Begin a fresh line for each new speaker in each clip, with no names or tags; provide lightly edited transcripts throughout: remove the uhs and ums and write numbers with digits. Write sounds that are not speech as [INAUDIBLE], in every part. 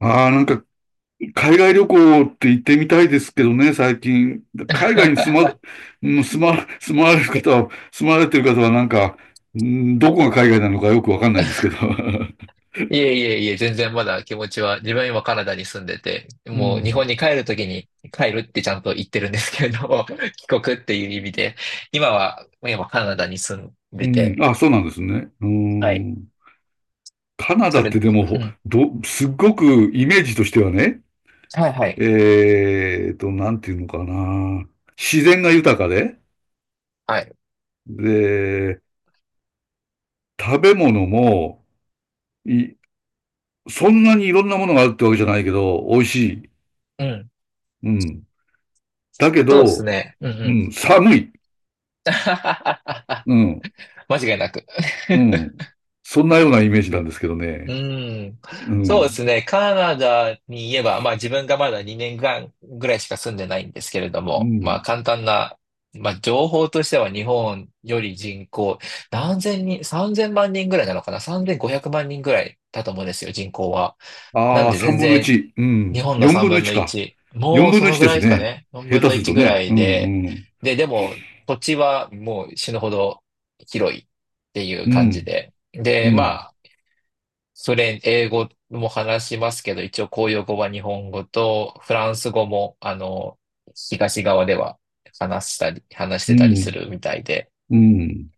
ああ、なんか、海外旅行って行ってみたいですけどね、最近。海外に住ま、うん住ま、住まわれる方は、住まわれてる方はなんか、うんどこが海外なのかよくわかんないですけど。[LAUGHS]
いえいえいえ、全然まだ気持ちは、自分は今カナダに住んでて、
う
もう日
ん。
本に帰るときに帰るってちゃんと言ってるんですけれども、[LAUGHS] 帰国っていう意味で、今カナダに住ん
う
で
ん。
て、
あ、そうなんですね。う
はい。
ん。カナ
そ
ダっ
れ、
てで
う
も、
ん。
ど、すっごくイメージとしてはね、
はいはい。
なんていうのかな。自然が豊かで、
はい。
で、食べ物も、い、そんなにいろんなものがあるってわけじゃないけど、美味しい。
うん。
うん。だけ
そうです
ど、
ね。うんう
う
ん。
ん、寒い。
[LAUGHS]
うん、
間違いなく。
う
[LAUGHS]
ん。そんなようなイメージなんですけど
う
ね。
ん。
う
そうです
ん、
ね。カナダに言えば、まあ自分がまだ2年間ぐらいしか住んでないんですけれど
う
も、まあ
ん。
簡単な、まあ情報としては日本より人口、何千人、3000万人ぐらいなのかな？ 3500 万人ぐらいだと思うんですよ、人口は。なん
ああ、
で
三
全
分の
然
一。う
日
ん。
本の
四
3
分の
分
一
の
か。
1。も
四
う
分
そ
の
の
一
ぐ
で
らい
す
ですか
ね。
ね。4
下
分
手
の
する
1
と
ぐら
ね。
い
うん、
で。
うん。
でも土地はもう死ぬほど広いっていう
う
感じ
ん、
で。
う
で、ま
ん、
あ、英語も話しますけど、一応公用語は日本語と、フランス語も、東側では話したり、話し
う
てたりす
ん、
るみたいで。
うん。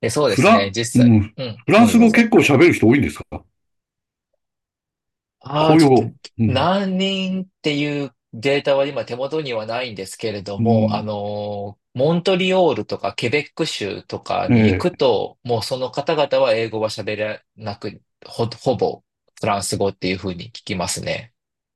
で、そうで
フ
す
ラ
ね、
ン、う
実際、
ん。
うん、
フラ
ど
ン
うぞ
ス
どう
語結
ぞ。
構喋る人多いんですか？
ああ、
公
ちょ
用
っと、
語。うん、
何人っていうデータは今手元にはないんですけれど
う
も、
ん。
モントリオールとかケベック州とかに行
え
く
え。
と、もうその方々は英語は喋れなく、ほぼフランス語っていうふうに聞きますね。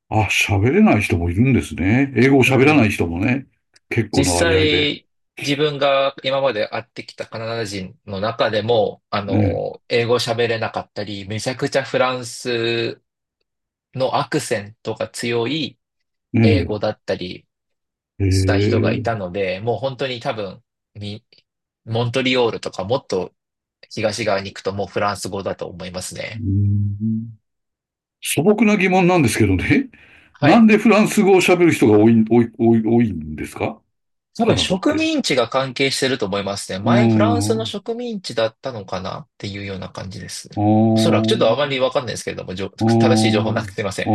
あ、喋れない人もいるんですね。英語を
う
喋らない
ん、
人もね。結
実
構な割合で。
際、自分が今まで会ってきたカナダ人の中でも、
ね
英語喋れなかったり、めちゃくちゃフランスのアクセントが強い
え、ね
英語
え。
だったり
へえ、
した人がい
う
たので、もう本当に多分、みモントリオールとかもっと東側に行くともうフランス語だと思います
ー
ね。
ん。素朴な疑問なんですけどね。[LAUGHS]
は
なん
い。
でフランス語を喋る人が多いんですか？
多
カ
分
ナダっ
植
て。
民地が関係してると思いますね。
うー
前フランスの
ん。う
植民地だったのかなっていうような感じですね。
ー
おそらくちょっとあま
ん。
りわかんないですけれども、
うー
正しい情報な
ん。
くて
う
すいません。
ー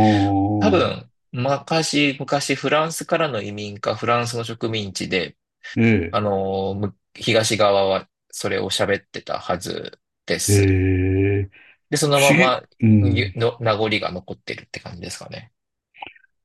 多
ん。
分、昔フランスからの移民かフランスの植民地で、
え
東側はそれを喋ってたはずで
え。え
す。
え。
で、その
不
ま
思議、
ま
うん。
名残が残ってるって感じですかね。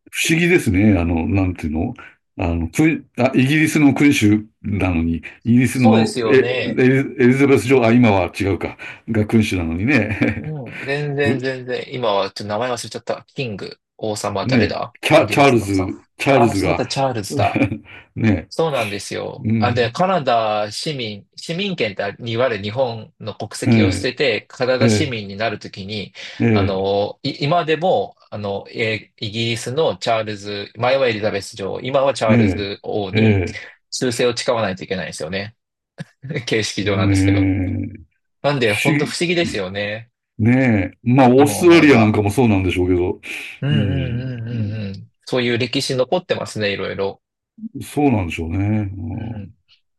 不思議ですね。あの、なんていうの。あの、イギリスの君主なのに、イギリス
そうで
の
すよ
エ、エ
ね。
リエリザベス女王、あ、今は違うか、が君主なのにね。
うん、全然
[LAUGHS]
全然。今はちょっと名前忘れちゃった。キング、王様誰
ね、
だイギリスのさ。
チャール
あ、
ズ
そう
が、
だ、チャールズだ。
[LAUGHS] ね、
そうなんですよ。
う
あ、で、
ん、
カナダ市民、市民権っていわゆる日本の国
え
籍を捨
え、
てて、カナ
え
ダ市
え、
民になるときに、
ええ、
今でも、イギリスのチャールズ、前はエリザベス女王、今はチャール
え
ズ王
え、え
に
え。
忠誠を誓わないといけないんですよね。[LAUGHS] 形式上なんですけど。
ねえ、
なんで、
不
ほんと
思
不
議、
思議ですよね。
ねえ、まあ、オー
今
ストラ
思え
リアなん
ば。
かもそうなんでしょうけど、
うん
う
うん
ん、
うんう
うん。
んうん。そういう歴史残ってますね、いろいろ。
そうなんでしょうね。う
うん。
ん、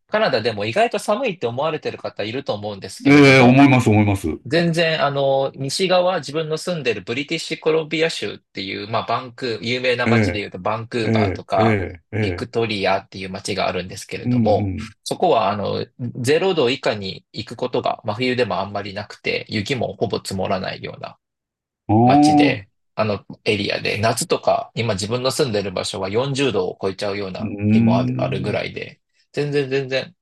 カナダでも意外と寒いって思われてる方いると思うんですけれど
ええ、思
も、
います、思います。
全然西側、自分の住んでるブリティッシュコロンビア州っていう、まあバンクー、有名な
え
街で言
え、
うとバンクー
え
バーと
え、え
か、
え、え
ビ
え、
クトリアっていう街があるんですけれ
う
ども、
ん、
そこはあの、ゼロ度以下に行くことが真冬でもあんまりなくて、雪もほぼ積もらないような
う
街
ん。あ
で、
あ、
あのエリアで、夏とか、今自分の住んでる場所は40度を超えちゃうよう
う
な日もあるぐ
ん、
らいで、全然全然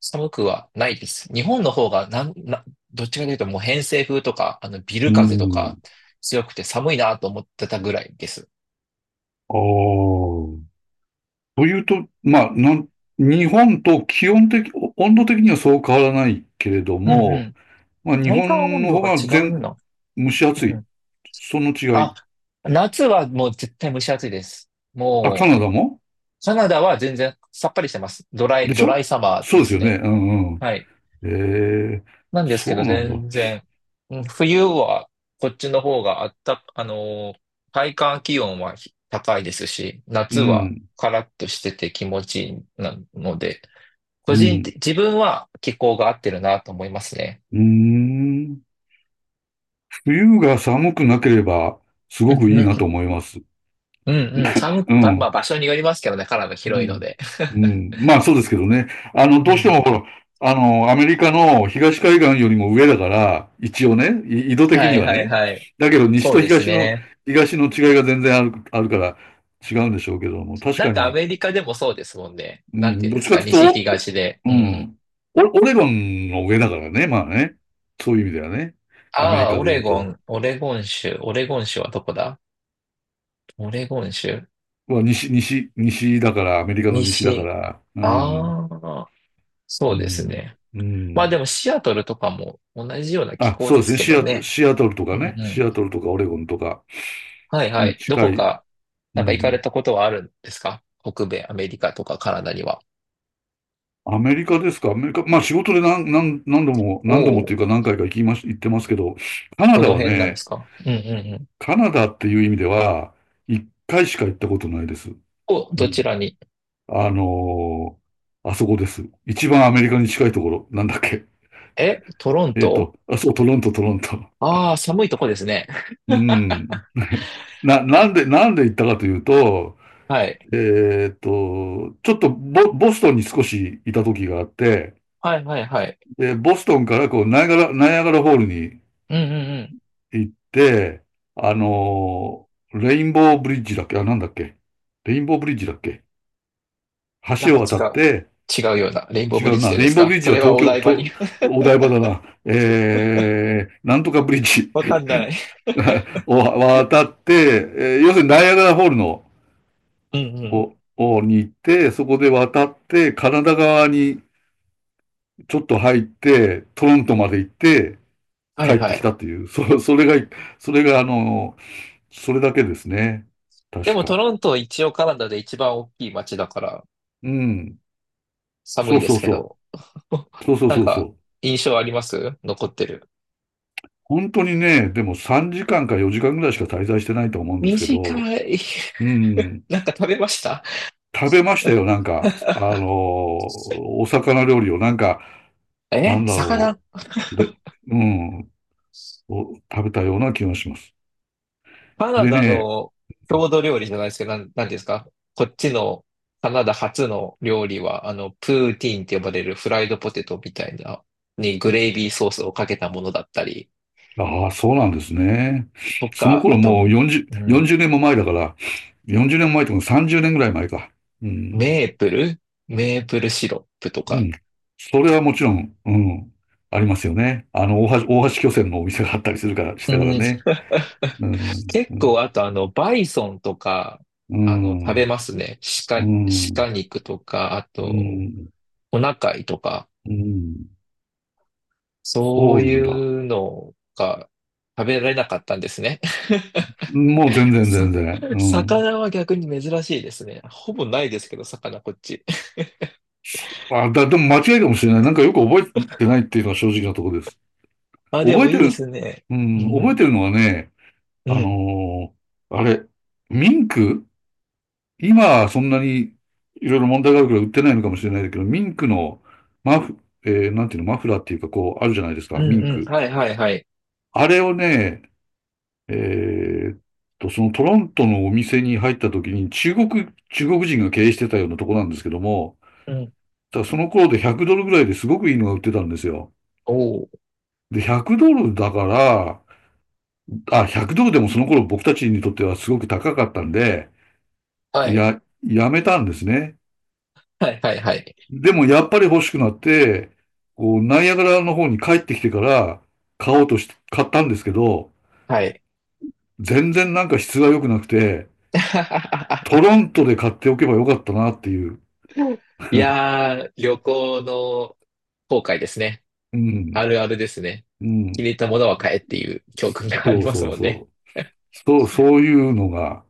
寒くはないです。日本の方がなん、な、どっちかというともう偏西風とか、あのビ
う
ル風とか
ん、
強くて寒いなと思ってたぐらいです。
ああ。というと、まあ、なん、日本と気温的、温度的にはそう変わらないけれど
うんう
も、
ん。
まあ、日
体感
本
温
の
度
方
が
が
違う
全、
の、
蒸し暑
う
い。
ん。
その違
あ、
い。
夏はもう絶対蒸し暑いです。
あ、カ
も
ナダも？
う、カナダは全然さっぱりしてます。ドラ
で
イ、
し
ドラ
ょ？
イサマー
そう
で
です
す
よね。
ね。
うんうん。
はい。
ええ。
なんです
そ
けど、
うなんだ。
全然、うん冬はこっちの方があった、体感気温は高いですし、
う
夏は
ん、
カラッとしてて気持ちいいなので、
う
個人
ん、
的、自分は気候が合ってるなと思いますね。
うーん。冬が寒くなければ、す
う
ごく
ん
いい
う
なと
ん
思います。
うん、うんうん寒く、
う
ばまあ
ん。
場所によりますけどね、カナダ
う
広いの
ん。
で。
うん。まあそうですけどね。あの、
う
どうして
ん、
もほら、あの、アメリカの東海岸よりも上だから、一応ね、緯度的
は
に
い
は
はい
ね。
はい。
だけど、西
そう
と
です
東の、
ね。
東の違いが全然あるから違うんでしょうけども、確
なん
か
かア
に、
メリカでもそうですもんね。
う
なんて
ん、
言うん
どっ
です
ちか
か、
という
西
と、
東で。
お
う
う
ん、
ん、オオレゴンの上だからね、まあね。そういう意味ではね。アメリ
ああ、
カで言うと。
オレゴン州はどこだ、オレゴン州、
まあ、西だから、アメリカの西だか
西。
ら、うん、
ああ、
う
そうです
ん、
ね。
う
まあ
ん。
でもシアトルとかも同じような気
あ、
候
そう
で
です
す
ね。
けどね。
シアトルと
う
かね。
んう
シ
ん。
アトルとかオレゴンとか
はいは
に
い。ど
近
こ
い。
か、
う
なんか行かれ
ん。
たことはあるんですか北米、アメリカとかカナダには。
アメリカですか？アメリカ。まあ仕事で何、何、何度も、
お
何度もってい
お、
うか何回か行きまし、行ってますけど、カナ
ど
ダ
の
は
辺なんで
ね、
すか、うんうんうん。
カナダっていう意味では、一回しか行ったことないです。
お、
う
どち
ん。
らに。
あのー、あそこです。一番アメリカに近いところ。なんだっけ。
え、トロン
えっ
ト。
と、あ、そう、トロント。
ああー、寒いとこですね。
うん。なんで行ったかというと、
[LAUGHS] はい。
ちょっとボストンに少しいた時があって、
はいはいはい。
で、ボストンからこう、ナイアガラホールに
うんうん、
行って、レインボーブリッジだっけ、あ、なんだっけ、レインボーブリッジだっけ、
なん
橋
か
を
違
渡っ
う。
て、
違うような。レインボー
違
ブリッ
う
ジ
な、
でで
レイ
す
ンボーブ
か
リッ
そ
ジは
れは、
東
お
京、
台場
と、
に。 [LAUGHS]
お台場だな、えー、なんとかブリッジ
わかんない。
[LAUGHS] を渡って、えー要するにナイアガラホールの、
うんうん。
に行って、そこで渡って、カナダ側にちょっと入って、トロントまで行って、
は
帰
い
って
は
きた
い。
っていう、そ、[LAUGHS] それが、あの、それだけですね。
で
確
もト
か。
ロント一応カナダで一番大きい街だから
うん。
寒
そ
い
う
で
そ
す
う
け
そ
ど。
う。
[LAUGHS]
そうそう
なん
そうそ
か
う。
印象あります、残ってる。
本当にね、でも3時間か4時間ぐらいしか滞在してないと思うんですけど、
短い。
うん。
[LAUGHS] なんか食べました？
食べましたよ、なんか、あ
[LAUGHS]
のー、お魚料理を、なんか、な
え、
んだろ
魚？
う。で、うん、を食べたような気がします。
カナ
で
ダ
ね、
の郷土料理じゃないですけど、なんていうんですか、こっちのカナダ初の料理は、プーティーンって呼ばれるフライドポテトみたいな、にグレイビーソースをかけたものだったり、
ああ、そうなんですね。
と
その
か、あ
頃
と、
もう
うん、
40年も前だから、40年も前とか30年ぐらい前か。うん。
メープルメープルシロップと
う
か。
ん。それはもちろん、うん。ありますよね。あの、大橋巨船のお店があったりするから、し
う
てから
ん、
ね。うん。う
結構、
ん。
あと、バイソンとか、
う
食べ
ん。
ますね。
う
鹿、
ん。
鹿肉とか、あ
う
と、
ん。
お腹いとか、
うん。
そ
そ
う
うな
い
んだ。
うのが食べられなかったんですね。
もう全然
さ、
全然。うん。
魚は逆に珍しいですね。ほぼないですけど、魚こっち。
あ、でも間違いかもしれない。なんかよく覚えてないっていうのは正直なところです。
あ、で
覚え
もい
て
いで
る、
すね。
う
う
ん、覚え
ん。
てるのはね、
う
あ
ん。
のー、あれ、ミンク、今はそんなにいろいろ問題があるから売ってないのかもしれないけど、ミンクのマフ、えーなんていうの、マフラーっていうかこうあるじゃないです
うん
か、ミン
うん。
ク。
はいはいはい。
あれをね、えーっと、そのトロントのお店に入った時に中国、中国人が経営してたようなとこなんですけども、
うん。
ただその頃で100ドルぐらいですごくいいのが売ってたんですよ。
おお。
で、100ドルだから、あ、100ドルでもその頃僕たちにとってはすごく高かったんで、
はい。
やめたんですね。
はいはいはい。
でもやっぱり欲しくなって、こう、ナイアガラの方に帰ってきてから買おうとして、買ったんですけど、
はい。
全然なんか質が良くなくて、トロ
[LAUGHS]
ントで買っておけばよかったなっていう。
いやー、旅行の後悔ですね。
う
あ
ん、
るあるですね。
う
気に入
ん。
ったものは買えっていう教訓があ
そ
り
う
ます
そう
もんね。
そう。そう、そういうのが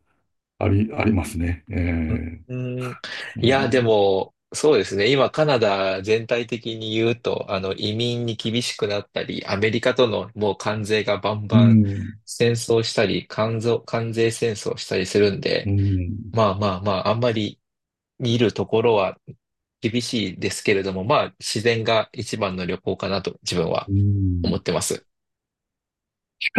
ありますね。えー、
うーん。
う
いや、で
ん、
も、そうですね。今、カナダ全体的に言うと、移民に厳しくなったり、アメリカとのもう関税がバン
う
バン
ん、
戦争したり、関税戦争したりするん
う
で、
ん、
まあまあまあ、あんまり見るところは厳しいですけれども、まあ、自然が一番の旅行かなと自分は
うん。
思ってます。